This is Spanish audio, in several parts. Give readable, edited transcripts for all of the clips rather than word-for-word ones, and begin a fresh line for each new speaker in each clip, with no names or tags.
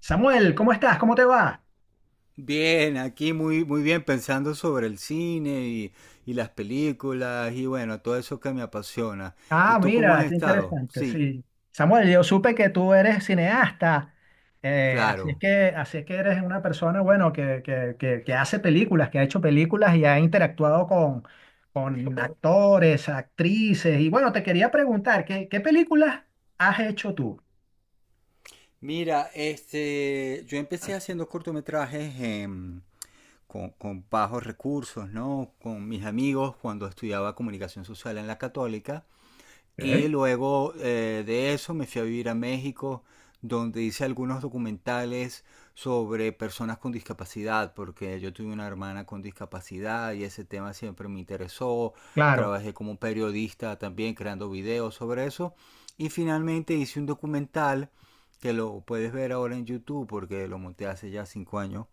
Samuel, ¿cómo estás? ¿Cómo te va?
Bien, aquí muy, muy bien pensando sobre el cine y las películas y bueno, todo eso que me apasiona. ¿Y
Ah,
tú cómo
mira,
has
qué
estado?
interesante,
Sí,
sí. Samuel, yo supe que tú eres cineasta,
claro.
así es que eres una persona, bueno, que hace películas, que ha hecho películas y ha interactuado con actores, actrices. Y bueno, te quería preguntar, ¿qué películas has hecho tú?
Mira, este, yo empecé haciendo cortometrajes con bajos recursos, ¿no? Con mis amigos cuando estudiaba comunicación social en la Católica. Y
Ok.
luego de eso me fui a vivir a México, donde hice algunos documentales sobre personas con discapacidad, porque yo tuve una hermana con discapacidad y ese tema siempre me interesó.
Claro,
Trabajé como periodista también creando videos sobre eso. Y finalmente hice un documental que lo puedes ver ahora en YouTube porque lo monté hace ya 5 años,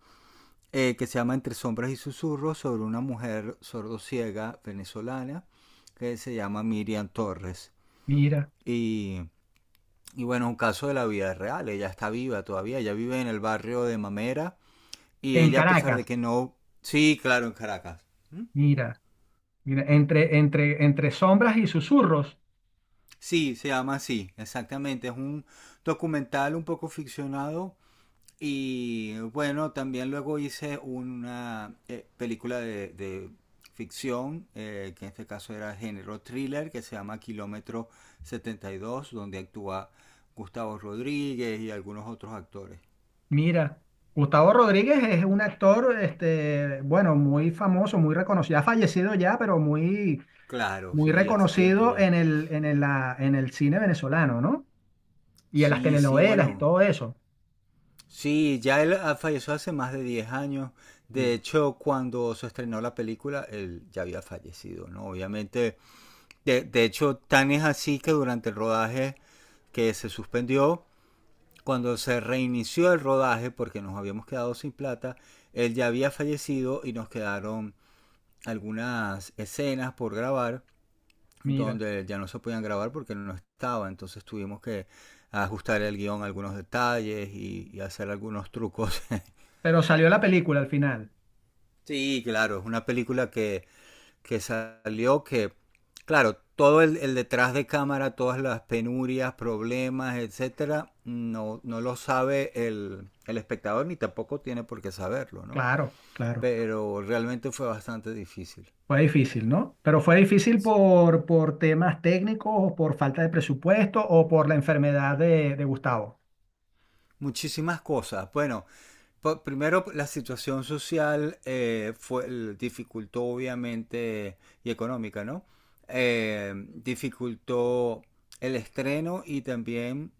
que se llama Entre Sombras y Susurros sobre una mujer sordociega venezolana que se llama Miriam Torres.
mira,
Y, y bueno, un caso de la vida real. Ella está viva todavía. Ella vive en el barrio de Mamera. Y
en
ella, a pesar de
Caracas.
que no. Sí, claro, en Caracas. ¿Mm?
Mira, mira, entre sombras y susurros.
Sí, se llama así, exactamente. Es un documental un poco ficcionado. Y bueno, también luego hice una película de ficción, que en este caso era género thriller, que se llama Kilómetro 72, donde actúa Gustavo Rodríguez y algunos otros actores.
Mira, Gustavo Rodríguez es un actor, este, bueno, muy famoso, muy reconocido, ha fallecido ya, pero muy,
Claro,
muy
sí, hace tiempo
reconocido
ya.
en el cine venezolano, ¿no? Y en las
Sí, sí,
telenovelas y
bueno.
todo eso.
Sí, ya él falleció hace más de 10 años. De
Sí.
hecho, cuando se estrenó la película, él ya había fallecido, ¿no? Obviamente, de hecho, tan es así que durante el rodaje que se suspendió, cuando se reinició el rodaje, porque nos habíamos quedado sin plata, él ya había fallecido y nos quedaron algunas escenas por grabar,
Mira,
donde ya no se podían grabar porque no estaba. Entonces tuvimos que ajustar el guión a algunos detalles y hacer algunos trucos.
pero salió la película al final.
Sí, claro, es una película que salió que, claro, todo el detrás de cámara, todas las penurias, problemas, etcétera, no lo sabe el espectador ni tampoco tiene por qué saberlo, ¿no?
Claro, claro.
Pero realmente fue bastante difícil.
Fue difícil, ¿no? Pero fue difícil por temas técnicos o por falta de presupuesto o por la enfermedad de Gustavo.
Muchísimas cosas. Bueno, primero, pues, la situación social fue, dificultó obviamente, y económica, ¿no? Dificultó el estreno y también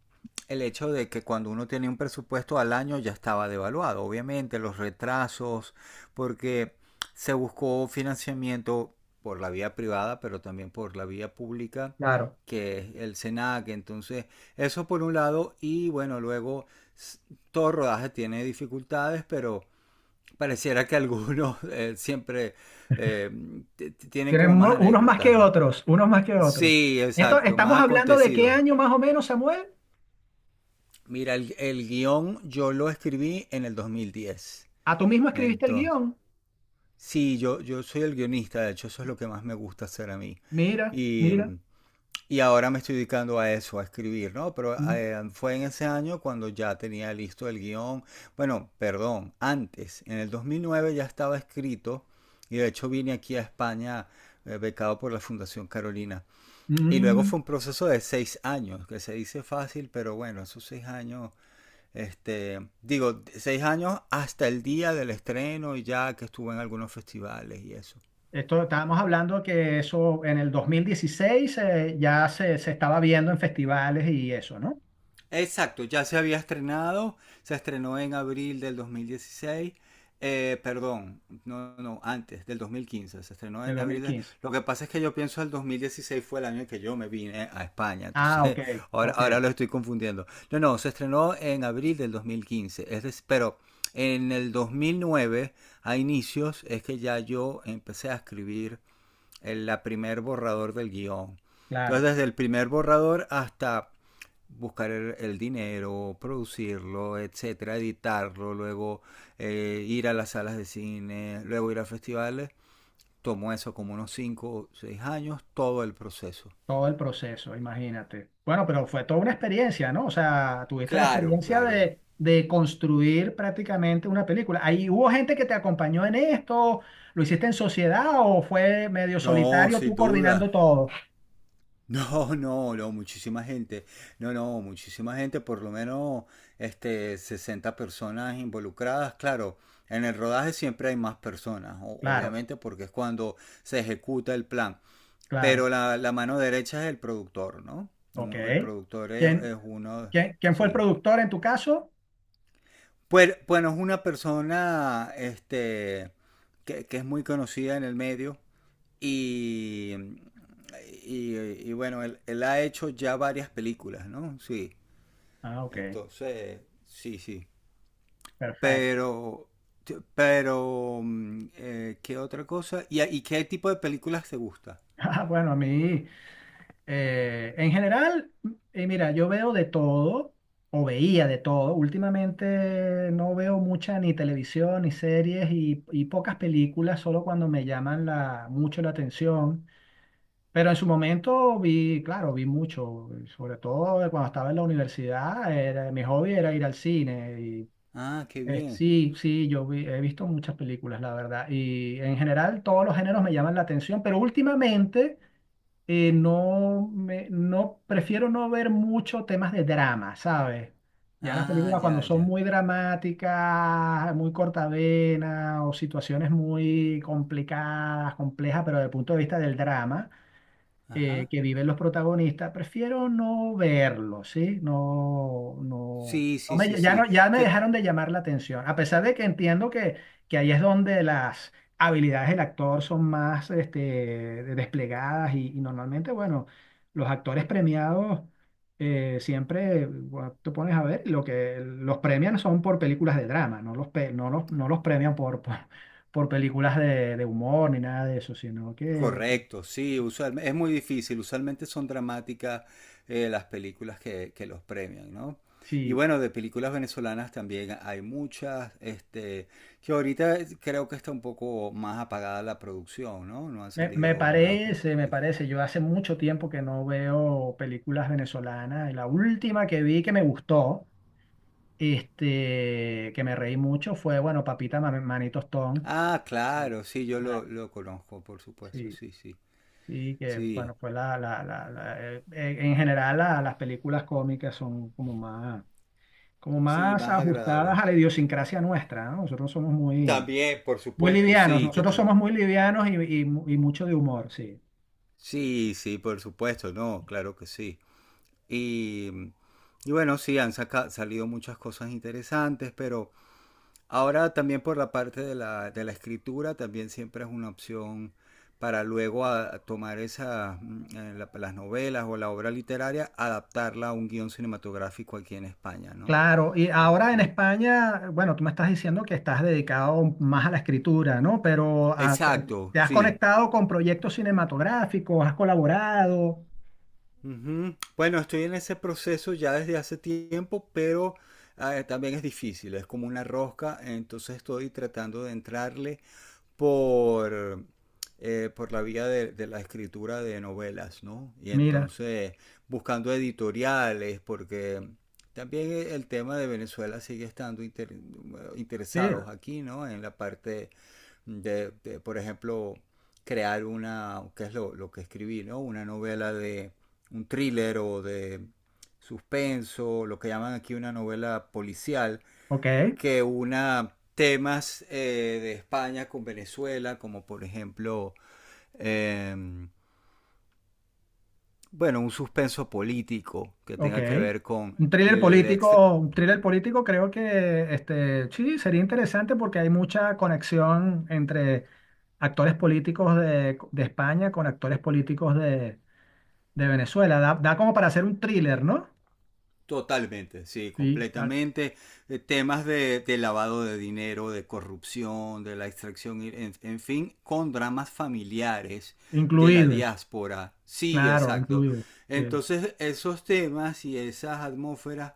el hecho de que cuando uno tenía un presupuesto al año ya estaba devaluado, obviamente, los retrasos, porque se buscó financiamiento por la vía privada, pero también por la vía pública,
Claro.
que es el SENAC. Entonces, eso por un lado, y bueno, luego s- todo rodaje tiene dificultades, pero pareciera que algunos siempre eh, tienen
Tienen
como más
mo- unos más
anécdotas
que
más.
otros, unos más que otros.
Sí,
Esto,
exacto,
estamos
más
hablando de qué
acontecidos.
año más o menos, Samuel.
Mira, el guión yo lo escribí en el 2010.
¿A tú mismo escribiste el
Entonces,
guión?
sí, yo soy el guionista. De hecho, eso es lo que más me gusta hacer a mí.
Mira,
Y
mira.
mm, Y ahora me estoy dedicando a eso, a escribir, ¿no? Pero
Mm.
fue en ese año cuando ya tenía listo el guión. Bueno, perdón, antes, en el 2009 ya estaba escrito y de hecho vine aquí a España becado por la Fundación Carolina. Y luego
Mm.
fue un proceso de 6 años, que se dice fácil, pero bueno, esos 6 años, este, digo, 6 años hasta el día del estreno y ya que estuve en algunos festivales y eso.
Esto estábamos hablando que eso en el 2016 ya se estaba viendo en festivales y eso, ¿no?
Exacto, ya se había estrenado, se estrenó en abril del 2016, perdón, no, no, antes del 2015, se estrenó
De
en abril.
2015.
Lo que pasa es que yo pienso el 2016 fue el año en que yo me vine a España,
Ah,
entonces
ok,
ahora,
ok,
ahora lo estoy confundiendo. No, no, se estrenó en abril del 2015, pero en el 2009, a inicios, es que ya yo empecé a escribir el la primer borrador del guión.
claro.
Entonces, desde el primer borrador hasta buscar dinero, producirlo, etcétera, editarlo, luego ir a las salas de cine, luego ir a festivales, tomó eso como unos 5 o 6 años, todo el proceso.
Todo el proceso, imagínate. Bueno, pero fue toda una experiencia, ¿no? O sea, tuviste la
Claro,
experiencia
claro.
de construir prácticamente una película. ¿Ahí hubo gente que te acompañó en esto? ¿Lo hiciste en sociedad o fue medio
No,
solitario tú
sin
coordinando
duda.
todo?
No, no, no, muchísima gente. No, no, muchísima gente, por lo menos este, 60 personas involucradas. Claro, en el rodaje siempre hay más personas,
Claro,
obviamente, porque es cuando se ejecuta el plan.
claro.
Pero la mano derecha es el productor, ¿no?
Ok.
El productor es,
¿Quién,
es uno,
quién fue el
sí.
productor en tu caso?
Pues, bueno, es una persona este, que es muy conocida en el medio y, y, y bueno, él ha hecho ya varias películas, ¿no? Sí,
Ah, ok.
entonces, sí, sí.
Perfecto.
Pero, pero, ¿qué otra cosa? ¿Y qué tipo de películas te gusta?
Ah, bueno, a mí. En general, mira, yo veo de todo, o veía de todo. Últimamente no veo mucha ni televisión, ni series y pocas películas, solo cuando me llaman la, mucho la atención. Pero en su momento vi, claro, vi mucho, sobre todo de cuando estaba en la universidad, era, mi hobby era ir al cine. Y,
Ah, qué bien.
sí, sí, yo vi- he visto muchas películas, la verdad. Y en general todos los géneros me llaman la atención, pero últimamente no, me, no, prefiero no ver mucho temas de drama, ¿sabes? Ya las
Ah,
películas cuando
ya,
son
ya.
muy dramáticas, muy cortavenas o situaciones muy complicadas, complejas, pero desde el punto de vista del drama
Ajá.
que viven los protagonistas, prefiero no verlo, ¿sí? No, no,
Sí,
no
sí, sí,
me, ya, no,
sí.
ya me dejaron de llamar la atención, a pesar de que entiendo que ahí es donde las habilidades del actor son más este, de- desplegadas y normalmente, bueno, los actores premiados siempre bueno, te pones a ver, lo que los premian son por películas de drama, no los, pe- no los, no los premian por películas de humor ni nada de eso, sino que...
Correcto, sí, usualmente, es muy difícil, usualmente son dramáticas las películas que los premian, ¿no? Y
Sí.
bueno, de películas venezolanas también hay muchas, este, que ahorita creo que está un poco más apagada la producción, ¿no? No han
Me
salido nuevas películas.
parece, me parece. Yo hace mucho tiempo que no veo películas venezolanas. Y la última que vi que me gustó, este, que me reí mucho, fue, bueno, Papita Ma- Manito Stone.
Ah,
Sí.
claro, sí, yo lo,
La-
lo conozco, por supuesto,
sí,
sí, sí,
sí, que
sí,
bueno, fue en general la- las películas cómicas son como
sí,
más
más
ajustadas
agradable.
a la idiosincrasia nuestra, ¿no? Nosotros somos muy,
También, por
muy
supuesto,
livianos,
sí,
nosotros somos muy livianos y, mu- y mucho de humor, sí.
sí, sí, por supuesto, no, claro que sí. Y, mm, y bueno, sí, han salido muchas cosas interesantes, pero ahora también por la parte de la escritura también siempre es una opción para luego a tomar esas, las novelas o la obra literaria, adaptarla a un guión cinematográfico aquí en España, ¿no?
Claro, y ahora en
Sí.
España, bueno, tú me estás diciendo que estás dedicado más a la escritura, ¿no? Pero a- te
Exacto,
te has
sí.
conectado con proyectos cinematográficos, has colaborado.
Ujú. Bueno, estoy en ese proceso ya desde hace tiempo, pero también es difícil, es como una rosca, entonces estoy tratando de entrarle por, por la vía de la escritura de novelas, ¿no? Y
Mira,
entonces buscando editoriales, porque también el tema de Venezuela sigue estando
sí,
interesados aquí, ¿no? En la parte de, por ejemplo, crear una, que es lo que escribí, ¿no? Una novela de un thriller o de suspenso, lo que llaman aquí una novela policial,
ok,
que una temas de España con Venezuela, como por ejemplo, eh, bueno, un suspenso político que
ok.
tenga que ver con el extra-
Un thriller político creo que este, sí, sería interesante porque hay mucha conexión entre actores políticos de España con actores políticos de Venezuela. Da, da como para hacer un thriller, ¿no?
totalmente, sí,
Sí, da-
completamente. Temas de lavado de dinero, de corrupción, de la extracción, en fin, con dramas familiares de la
incluidos.
diáspora. Sí,
Claro,
exacto.
incluido. Sí.
Entonces, esos temas y esas atmósferas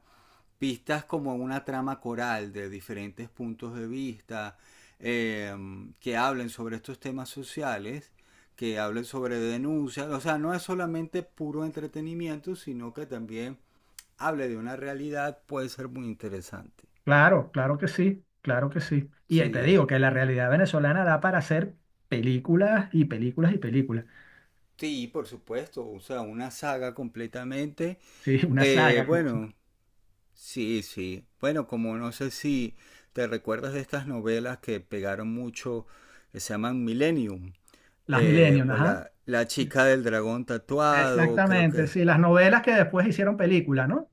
pistas como una trama coral de diferentes puntos de vista eh, que hablen sobre estos temas sociales, que hablen sobre denuncias, o sea, no es solamente puro entretenimiento, sino que también hable de una realidad, puede ser muy interesante.
Claro, claro que sí, claro que sí. Y ahí te
Sí.
digo que la realidad venezolana da para hacer películas y películas y películas.
Sí, por supuesto, o sea, una saga completamente.
Sí, una saga, como se-
Bueno, sí, sí. Bueno, como no sé si te recuerdas de estas novelas que pegaron mucho, que se llaman Millennium,
las Millennium,
o
ajá.
la chica del dragón tatuado, creo
Exactamente,
que
sí, las novelas que después hicieron película, ¿no?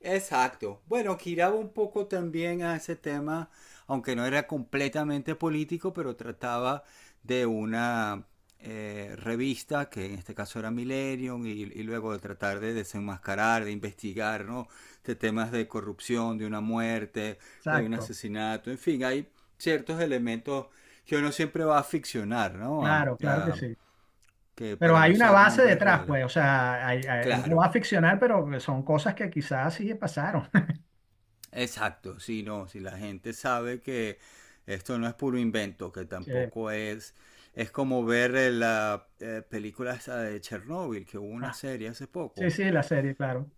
exacto. Bueno, giraba un poco también a ese tema, aunque no era completamente político, pero trataba de una revista, que en este caso era Millennium, y luego de tratar de desenmascarar, de investigar, ¿no? De temas de corrupción, de una muerte, que hay un
Exacto,
asesinato, en fin, hay ciertos elementos que uno siempre va a ficcionar, ¿no?
claro, claro que sí.
Que
Pero
para no
hay una
usar
base
nombres
detrás,
reales.
pues, o sea, hay- hay- uno
Claro.
va a ficcionar, pero son cosas que quizás sí pasaron.
Exacto, sí, no, si la gente sabe que esto no es puro invento, que
Sí.
tampoco es como ver la película esa de Chernobyl, que hubo una
Ah,
serie hace
sí,
poco,
sí, la serie, claro.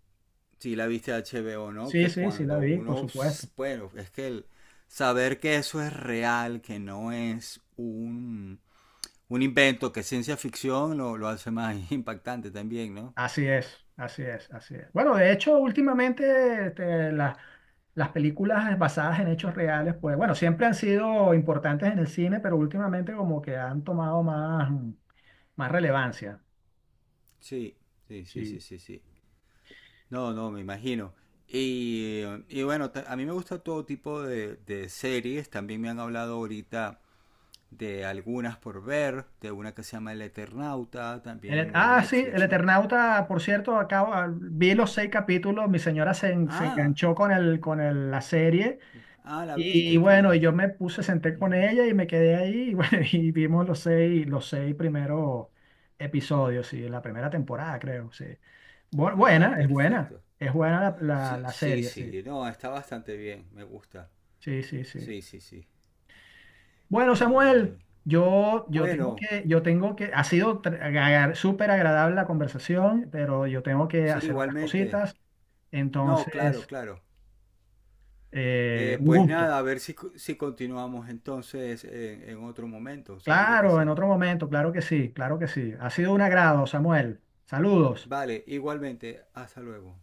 si la viste de HBO, ¿no?
Sí,
Que
sí, sí, la
cuando
vi, por
uno,
supuesto.
bueno, es que el saber que eso es real, que no es un invento, que es ciencia ficción, lo hace más impactante también, ¿no?
Así es, así es, así es. Bueno, de hecho, últimamente este, las películas basadas en hechos reales, pues bueno, siempre han sido importantes en el cine, pero últimamente como que han tomado más, más relevancia.
Sí, sí, sí, sí,
Sí.
sí, sí. No, no, me imagino. Y bueno, a mí me gusta todo tipo de series. También me han hablado ahorita de algunas por ver, de una que se llama El Eternauta,
El et-
también en
ah, sí, El
Netflix, ¿no?
Eternauta, por cierto, acabo, ah, vi los 6 capítulos, mi señora se, en- se
Ah,
enganchó con el- la serie.
ah, la
Y
viste, qué
bueno, y
bien.
yo me puse, senté con ella y me quedé ahí y, bueno, y vimos los 6, los 6 primeros episodios, sí, de la primera temporada, creo, sí. Bu-
Ah,
buena, es buena,
perfecto.
es buena la, la-
Sí,
la
sí,
serie, sí,
sí, no, está bastante bien, me gusta.
sí, sí, sí.
Sí, sí, sí.
Bueno,
Y
Samuel, yo,
bueno,
yo tengo que, ha sido tr- agar- súper agradable la conversación, pero yo tengo que
sí,
hacer otras
igualmente.
cositas,
No, claro,
entonces,
claro.
un
Pues
gusto.
nada, a ver si continuamos entonces en otro momento, seguro que
Claro, en
sí.
otro momento, claro que sí, claro que sí. Ha sido un agrado, Samuel. Saludos.
Vale, igualmente, hasta luego.